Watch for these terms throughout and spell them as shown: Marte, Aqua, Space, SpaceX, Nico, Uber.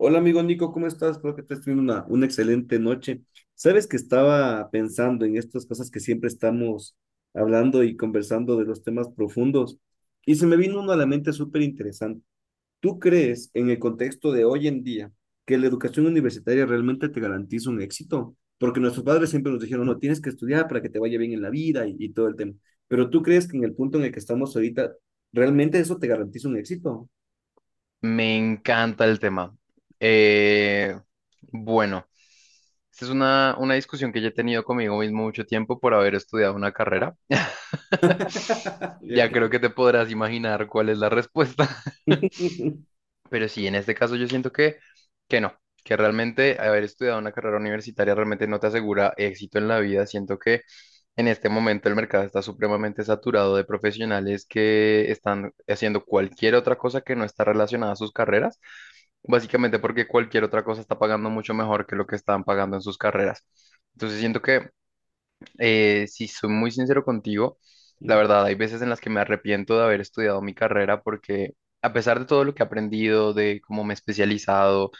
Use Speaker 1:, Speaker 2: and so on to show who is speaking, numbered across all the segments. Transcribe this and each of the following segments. Speaker 1: Hola amigo Nico, ¿cómo estás? Espero que estés teniendo una excelente noche. Sabes que estaba pensando en estas cosas que siempre estamos hablando y conversando de los temas profundos y se me vino uno a la mente súper interesante. ¿Tú crees en el contexto de hoy en día que la educación universitaria realmente te garantiza un éxito? Porque nuestros padres siempre nos dijeron, no, tienes que estudiar para que te vaya bien en la vida y todo el tema. Pero ¿tú crees que en el punto en el que estamos ahorita, realmente eso te garantiza un éxito?
Speaker 2: Me encanta el tema. Eh, bueno, Esta es una discusión que ya he tenido conmigo mismo mucho tiempo por haber estudiado una carrera.
Speaker 1: Yo
Speaker 2: Ya creo que te podrás imaginar cuál es la respuesta. Pero sí, en este caso yo siento que no, que realmente haber estudiado una carrera universitaria realmente no te asegura éxito en la vida. Siento que en este momento el mercado está supremamente saturado de profesionales que están haciendo cualquier otra cosa que no está relacionada a sus carreras, básicamente porque cualquier otra cosa está pagando mucho mejor que lo que estaban pagando en sus carreras. Entonces siento que si soy muy sincero contigo, la verdad, hay veces en las que me arrepiento de haber estudiado mi carrera porque, a pesar de todo lo que he aprendido, de cómo me he especializado,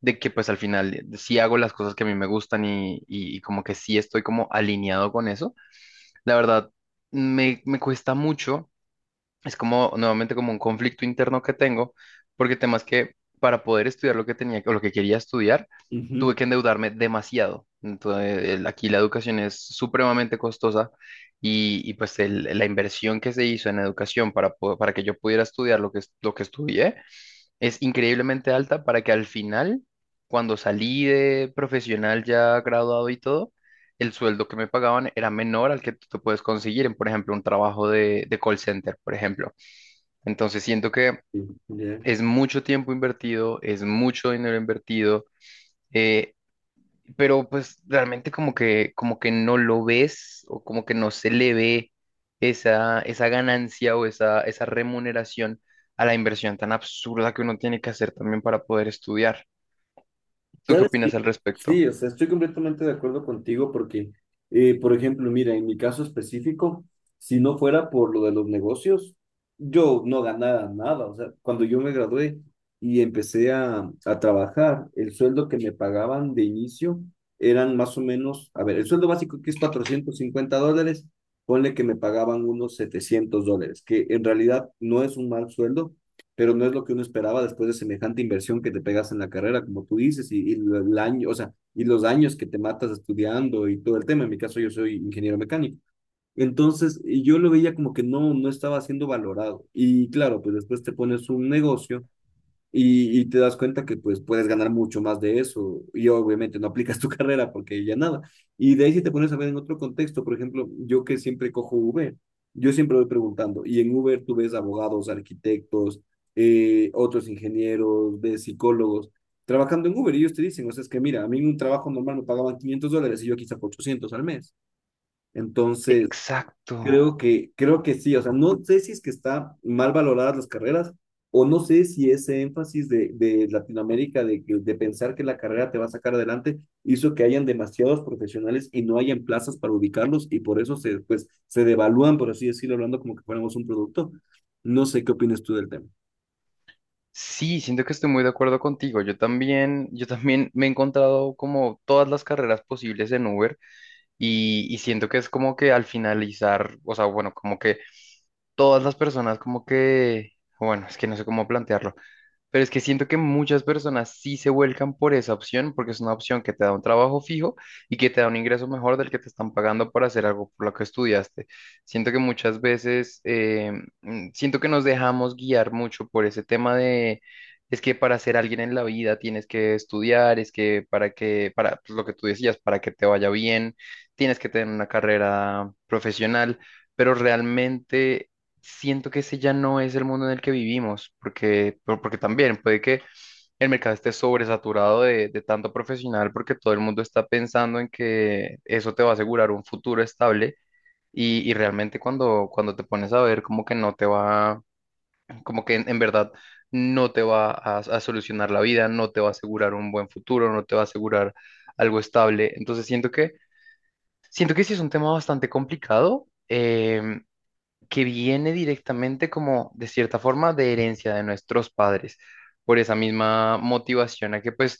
Speaker 2: de que pues al final sí hago las cosas que a mí me gustan y como que sí estoy como alineado con eso, la verdad, me cuesta mucho. Es como, nuevamente, como un conflicto interno que tengo, porque temas que, para poder estudiar lo que tenía o lo que quería estudiar,
Speaker 1: Ujú.
Speaker 2: tuve que endeudarme demasiado. Entonces, aquí la educación es supremamente costosa y, pues la inversión que se hizo en educación para, para que yo pudiera estudiar lo que, lo que estudié es increíblemente alta para que, al final, cuando salí de profesional ya graduado y todo, el sueldo que me pagaban era menor al que tú te puedes conseguir en, por ejemplo, un trabajo de call center, por ejemplo. Entonces siento que
Speaker 1: Sí, ya.
Speaker 2: es mucho tiempo invertido, es mucho dinero invertido, eh, pero pues realmente como que no lo ves o como que no se le ve esa ganancia o esa remuneración a la inversión tan absurda que uno tiene que hacer también para poder estudiar. ¿Tú qué
Speaker 1: ¿Sabes qué?
Speaker 2: opinas al
Speaker 1: Sí,
Speaker 2: respecto?
Speaker 1: o sea, estoy completamente de acuerdo contigo porque, por ejemplo, mira, en mi caso específico, si no fuera por lo de los negocios, yo no ganara nada. O sea, cuando yo me gradué y empecé a trabajar, el sueldo que me pagaban de inicio eran más o menos, a ver, el sueldo básico que es $450, ponle que me pagaban unos $700, que en realidad no es un mal sueldo pero no es lo que uno esperaba después de semejante inversión que te pegas en la carrera, como tú dices, y el año, o sea, y los años que te matas estudiando y todo el tema. En mi caso, yo soy ingeniero mecánico. Entonces, yo lo veía como que no, no estaba siendo valorado. Y claro, pues después te pones un negocio y te das cuenta que pues puedes ganar mucho más de eso y obviamente no aplicas tu carrera porque ya nada. Y de ahí si te pones a ver en otro contexto, por ejemplo, yo que siempre cojo Uber, yo siempre voy preguntando y en Uber tú ves abogados, arquitectos, otros ingenieros, de psicólogos trabajando en Uber y ellos te dicen, o sea, es que mira, a mí en un trabajo normal me pagaban $500 y yo aquí saco 800 al mes. Entonces,
Speaker 2: Exacto.
Speaker 1: Creo que sí, o sea, no sé si es que está mal valoradas las carreras o no sé si ese énfasis de, Latinoamérica, de pensar que la carrera te va a sacar adelante, hizo que hayan demasiados profesionales y no hayan plazas para ubicarlos y por eso se, pues, se devalúan, por así decirlo, hablando como que fuéramos un producto. No sé qué opinas tú del tema.
Speaker 2: Sí, siento que estoy muy de acuerdo contigo. Yo también me he encontrado como todas las carreras posibles en Uber. Y siento que es como que al finalizar, o sea, bueno, como que todas las personas como que, bueno, es que no sé cómo plantearlo. Pero es que siento que muchas personas sí se vuelcan por esa opción, porque es una opción que te da un trabajo fijo y que te da un ingreso mejor del que te están pagando por hacer algo por lo que estudiaste. Siento que muchas veces, siento que nos dejamos guiar mucho por ese tema de, es que para ser alguien en la vida tienes que estudiar, es que, para pues, lo que tú decías, para que te vaya bien, tienes que tener una carrera profesional, pero realmente siento que ese ya no es el mundo en el que vivimos, porque, porque también puede que el mercado esté sobresaturado de tanto profesional, porque todo el mundo está pensando en que eso te va a asegurar un futuro estable. Y realmente cuando te pones a ver, como que no te va, como que en verdad no te va a solucionar la vida, no te va a asegurar un buen futuro, no te va a asegurar algo estable. Entonces siento que sí es un tema bastante complicado, que viene directamente como de cierta forma de herencia de nuestros padres, por esa misma motivación a que pues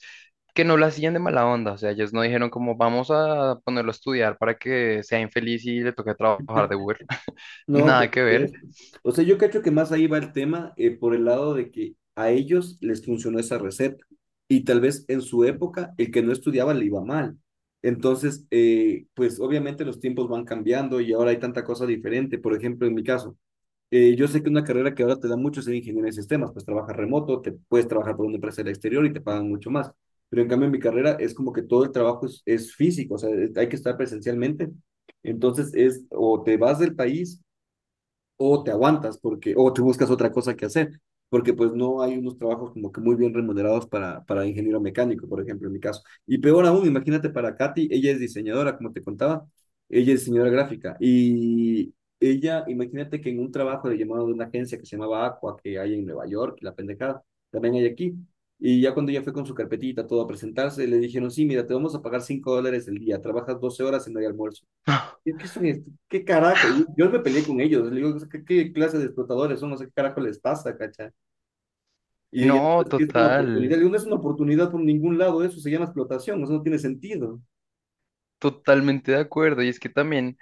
Speaker 2: que no lo hacían de mala onda, o sea, ellos no dijeron como vamos a ponerlo a estudiar para que sea infeliz y le toque trabajar de Uber,
Speaker 1: No, por
Speaker 2: nada que ver.
Speaker 1: supuesto. O sea, yo cacho que más ahí va el tema por el lado de que a ellos les funcionó esa receta y tal vez en su época el que no estudiaba le iba mal. Entonces, pues obviamente los tiempos van cambiando y ahora hay tanta cosa diferente. Por ejemplo, en mi caso, yo sé que una carrera que ahora te da mucho es en ingeniero de sistemas, pues trabajas remoto, te puedes trabajar por una empresa del exterior y te pagan mucho más. Pero en cambio en mi carrera es como que todo el trabajo es físico, o sea, hay que estar presencialmente. Entonces es o te vas del país o te aguantas porque, o te buscas otra cosa que hacer, porque pues no hay unos trabajos como que muy bien remunerados para ingeniero mecánico, por ejemplo, en mi caso. Y peor aún, imagínate para Katy, ella es diseñadora, como te contaba, ella es diseñadora gráfica y ella, imagínate que en un trabajo le llamaron de una agencia que se llamaba Aqua, que hay en Nueva York, la pendejada, también hay aquí. Y ya cuando ella fue con su carpetita, todo a presentarse, le dijeron, sí, mira, te vamos a pagar $5 el día, trabajas 12 horas y no hay almuerzo, ¿es que son estos? ¿Qué carajo? Y yo me peleé con ellos, le digo, ¿qué, qué clase de explotadores son? No sé qué carajo les pasa, cacha. Y ella, no,
Speaker 2: No,
Speaker 1: es que es una oportunidad.
Speaker 2: total.
Speaker 1: Le digo, no es una oportunidad por ningún lado, eso se llama explotación, eso no tiene sentido.
Speaker 2: Totalmente de acuerdo. Y es que también,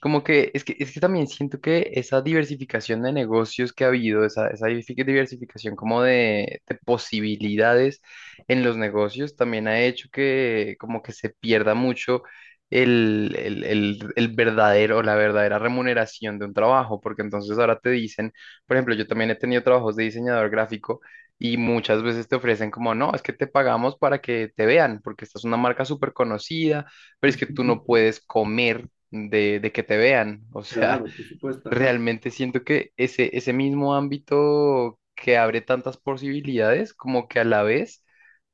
Speaker 2: como que, es que también siento que esa diversificación de negocios que ha habido, esa diversificación como de posibilidades en los negocios, también ha hecho que como que se pierda mucho el verdadero, la verdadera remuneración de un trabajo, porque entonces ahora te dicen, por ejemplo, yo también he tenido trabajos de diseñador gráfico. Y muchas veces te ofrecen como, no, es que te pagamos para que te vean, porque esta es una marca súper conocida, pero es que tú no puedes comer de que te vean. O sea,
Speaker 1: Claro, por supuesto, ajá.
Speaker 2: realmente siento que ese mismo ámbito que abre tantas posibilidades, como que a la vez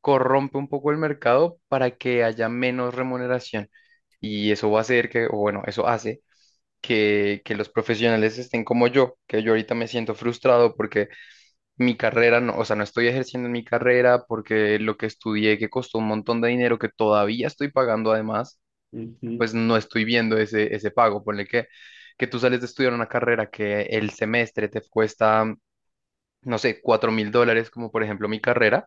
Speaker 2: corrompe un poco el mercado para que haya menos remuneración. Y eso va a hacer que, o bueno, eso hace que los profesionales estén como yo, que yo ahorita me siento frustrado porque mi carrera, no, o sea, no estoy ejerciendo en mi carrera porque lo que estudié, que costó un montón de dinero que todavía estoy pagando además,
Speaker 1: Ujú,
Speaker 2: pues no estoy viendo ese pago. Ponle que tú sales de estudiar una carrera que el semestre te cuesta, no sé, $4.000, como por ejemplo mi carrera,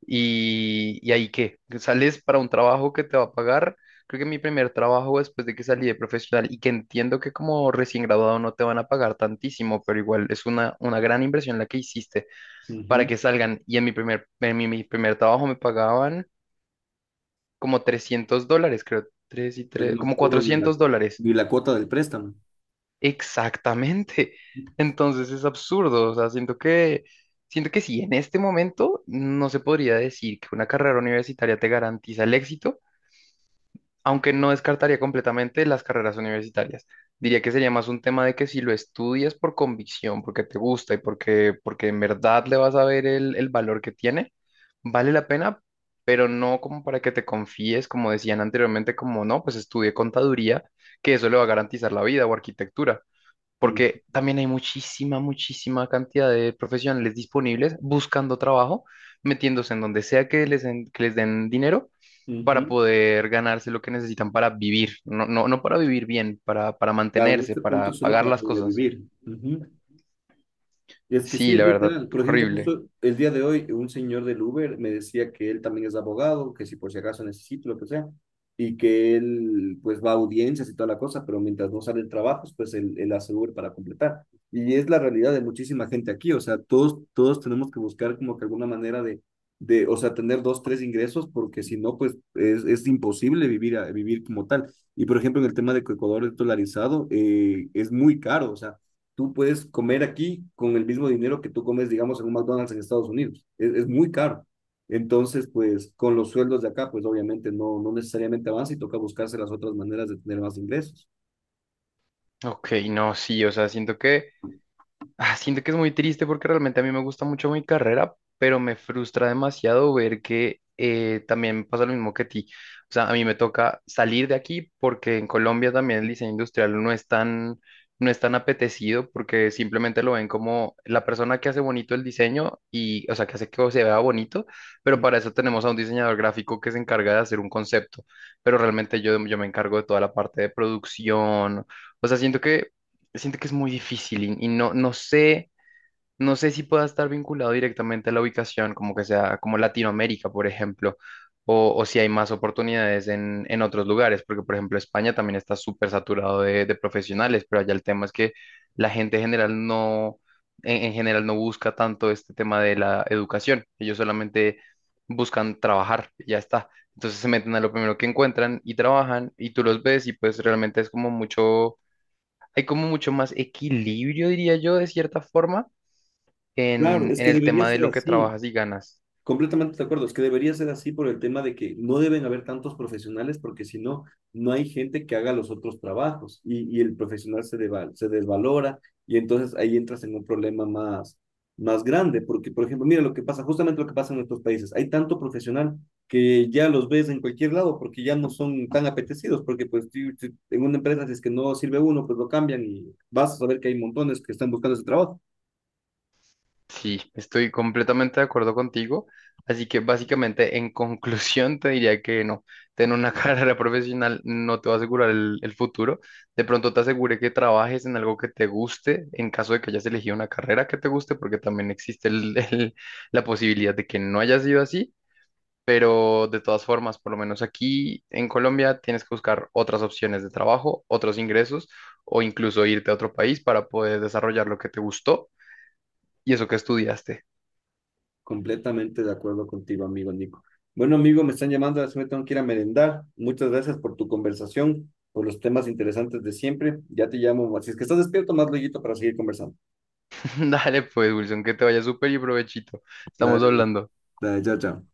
Speaker 2: y ahí qué, que sales para un trabajo que te va a pagar. Creo que mi primer trabajo, después de que salí de profesional y que entiendo que como recién graduado no te van a pagar tantísimo, pero igual es una gran inversión la que hiciste para
Speaker 1: ujú.
Speaker 2: que salgan. Y en mi primer, en mi primer trabajo me pagaban como $300, creo, tres y
Speaker 1: Pues
Speaker 2: tres,
Speaker 1: no
Speaker 2: como
Speaker 1: cubro
Speaker 2: $400.
Speaker 1: ni la cuota del préstamo.
Speaker 2: Exactamente. Entonces es absurdo. O sea, siento que sí, en este momento no se podría decir que una carrera universitaria te garantiza el éxito, aunque no descartaría completamente las carreras universitarias. Diría que sería más un tema de que, si lo estudias por convicción, porque te gusta y porque, porque en verdad le vas a ver el valor que tiene, vale la pena, pero no como para que te confíes, como decían anteriormente, como no, pues estudié contaduría, que eso le va a garantizar la vida, o arquitectura,
Speaker 1: Mm,
Speaker 2: porque también hay muchísima, muchísima cantidad de profesionales disponibles buscando trabajo, metiéndose en donde sea que les, que les den dinero para
Speaker 1: ujú.
Speaker 2: poder ganarse lo que necesitan para vivir, no, no, no para vivir bien, para
Speaker 1: Claro, en
Speaker 2: mantenerse,
Speaker 1: este punto
Speaker 2: para
Speaker 1: es solo
Speaker 2: pagar
Speaker 1: para
Speaker 2: las cosas.
Speaker 1: sobrevivir. Ujú. Y es que sí,
Speaker 2: Sí,
Speaker 1: es
Speaker 2: la verdad,
Speaker 1: literal. Por ejemplo,
Speaker 2: horrible.
Speaker 1: justo el día de hoy, un señor del Uber me decía que él también es abogado, que si por si acaso necesito, lo que sea, y que él pues va a audiencias y toda la cosa, pero mientras no salen trabajos, pues él hace Uber para completar. Y es la realidad de muchísima gente aquí, o sea, todos, todos tenemos que buscar como que alguna manera de, o sea, tener dos, tres ingresos, porque si no, pues es imposible vivir, vivir como tal. Y por ejemplo, en el tema de que Ecuador es dolarizado, es muy caro, o sea tú puedes comer aquí con el mismo dinero que tú comes, digamos, en un McDonald's en Estados Unidos. Es muy caro. Entonces, pues con los sueldos de acá, pues obviamente no necesariamente avanza y toca buscarse las otras maneras de tener más ingresos.
Speaker 2: Ok, no, sí, o sea, siento que, ah, siento que es muy triste porque realmente a mí me gusta mucho mi carrera, pero me frustra demasiado ver que también me pasa lo mismo que a ti. O sea, a mí me toca salir de aquí porque en Colombia también el diseño industrial no es tan, no es tan apetecido porque simplemente lo ven como la persona que hace bonito el diseño y, o sea, que hace que se vea bonito, pero para eso tenemos a un diseñador gráfico que se encarga de hacer un concepto, pero realmente yo me encargo de toda la parte de producción. O sea, siento que es muy difícil y no, no sé, no sé si pueda estar vinculado directamente a la ubicación, como que sea como Latinoamérica, por ejemplo, o si hay más oportunidades en otros lugares, porque por ejemplo España también está súper saturado de profesionales, pero allá el tema es que la gente en general no busca tanto este tema de la educación, ellos solamente buscan trabajar, y ya está. Entonces se meten a lo primero que encuentran y trabajan y tú los ves y pues realmente es como mucho, hay como mucho más equilibrio, diría yo, de cierta forma,
Speaker 1: Claro, es
Speaker 2: en
Speaker 1: que
Speaker 2: el
Speaker 1: debería
Speaker 2: tema de
Speaker 1: ser
Speaker 2: lo que
Speaker 1: así.
Speaker 2: trabajas y ganas.
Speaker 1: Completamente de acuerdo, es que debería ser así por el tema de que no deben haber tantos profesionales porque si no, no hay gente que haga los otros trabajos y el profesional se, se desvalora y entonces ahí entras en un problema más grande porque, por ejemplo, mira lo que pasa, justamente lo que pasa en nuestros países, hay tanto profesional que ya los ves en cualquier lado porque ya no son tan apetecidos porque pues en una empresa si es que no sirve uno, pues lo cambian y vas a saber que hay montones que están buscando ese trabajo.
Speaker 2: Sí, estoy completamente de acuerdo contigo. Así que básicamente, en conclusión, te diría que no, tener una carrera profesional no te va a asegurar el futuro. De pronto te asegure que trabajes en algo que te guste, en caso de que hayas elegido una carrera que te guste, porque también existe la posibilidad de que no haya sido así. Pero de todas formas, por lo menos aquí en Colombia, tienes que buscar otras opciones de trabajo, otros ingresos o incluso irte a otro país para poder desarrollar lo que te gustó y eso que estudiaste.
Speaker 1: Completamente de acuerdo contigo, amigo Nico. Bueno, amigo, me están llamando, así me tengo que ir a merendar. Muchas gracias por tu conversación, por los temas interesantes de siempre. Ya te llamo, si es que estás despierto, más luego para seguir conversando.
Speaker 2: Dale pues, Wilson, que te vaya súper y provechito. Estamos
Speaker 1: Dale,
Speaker 2: hablando.
Speaker 1: dale, chao, chao.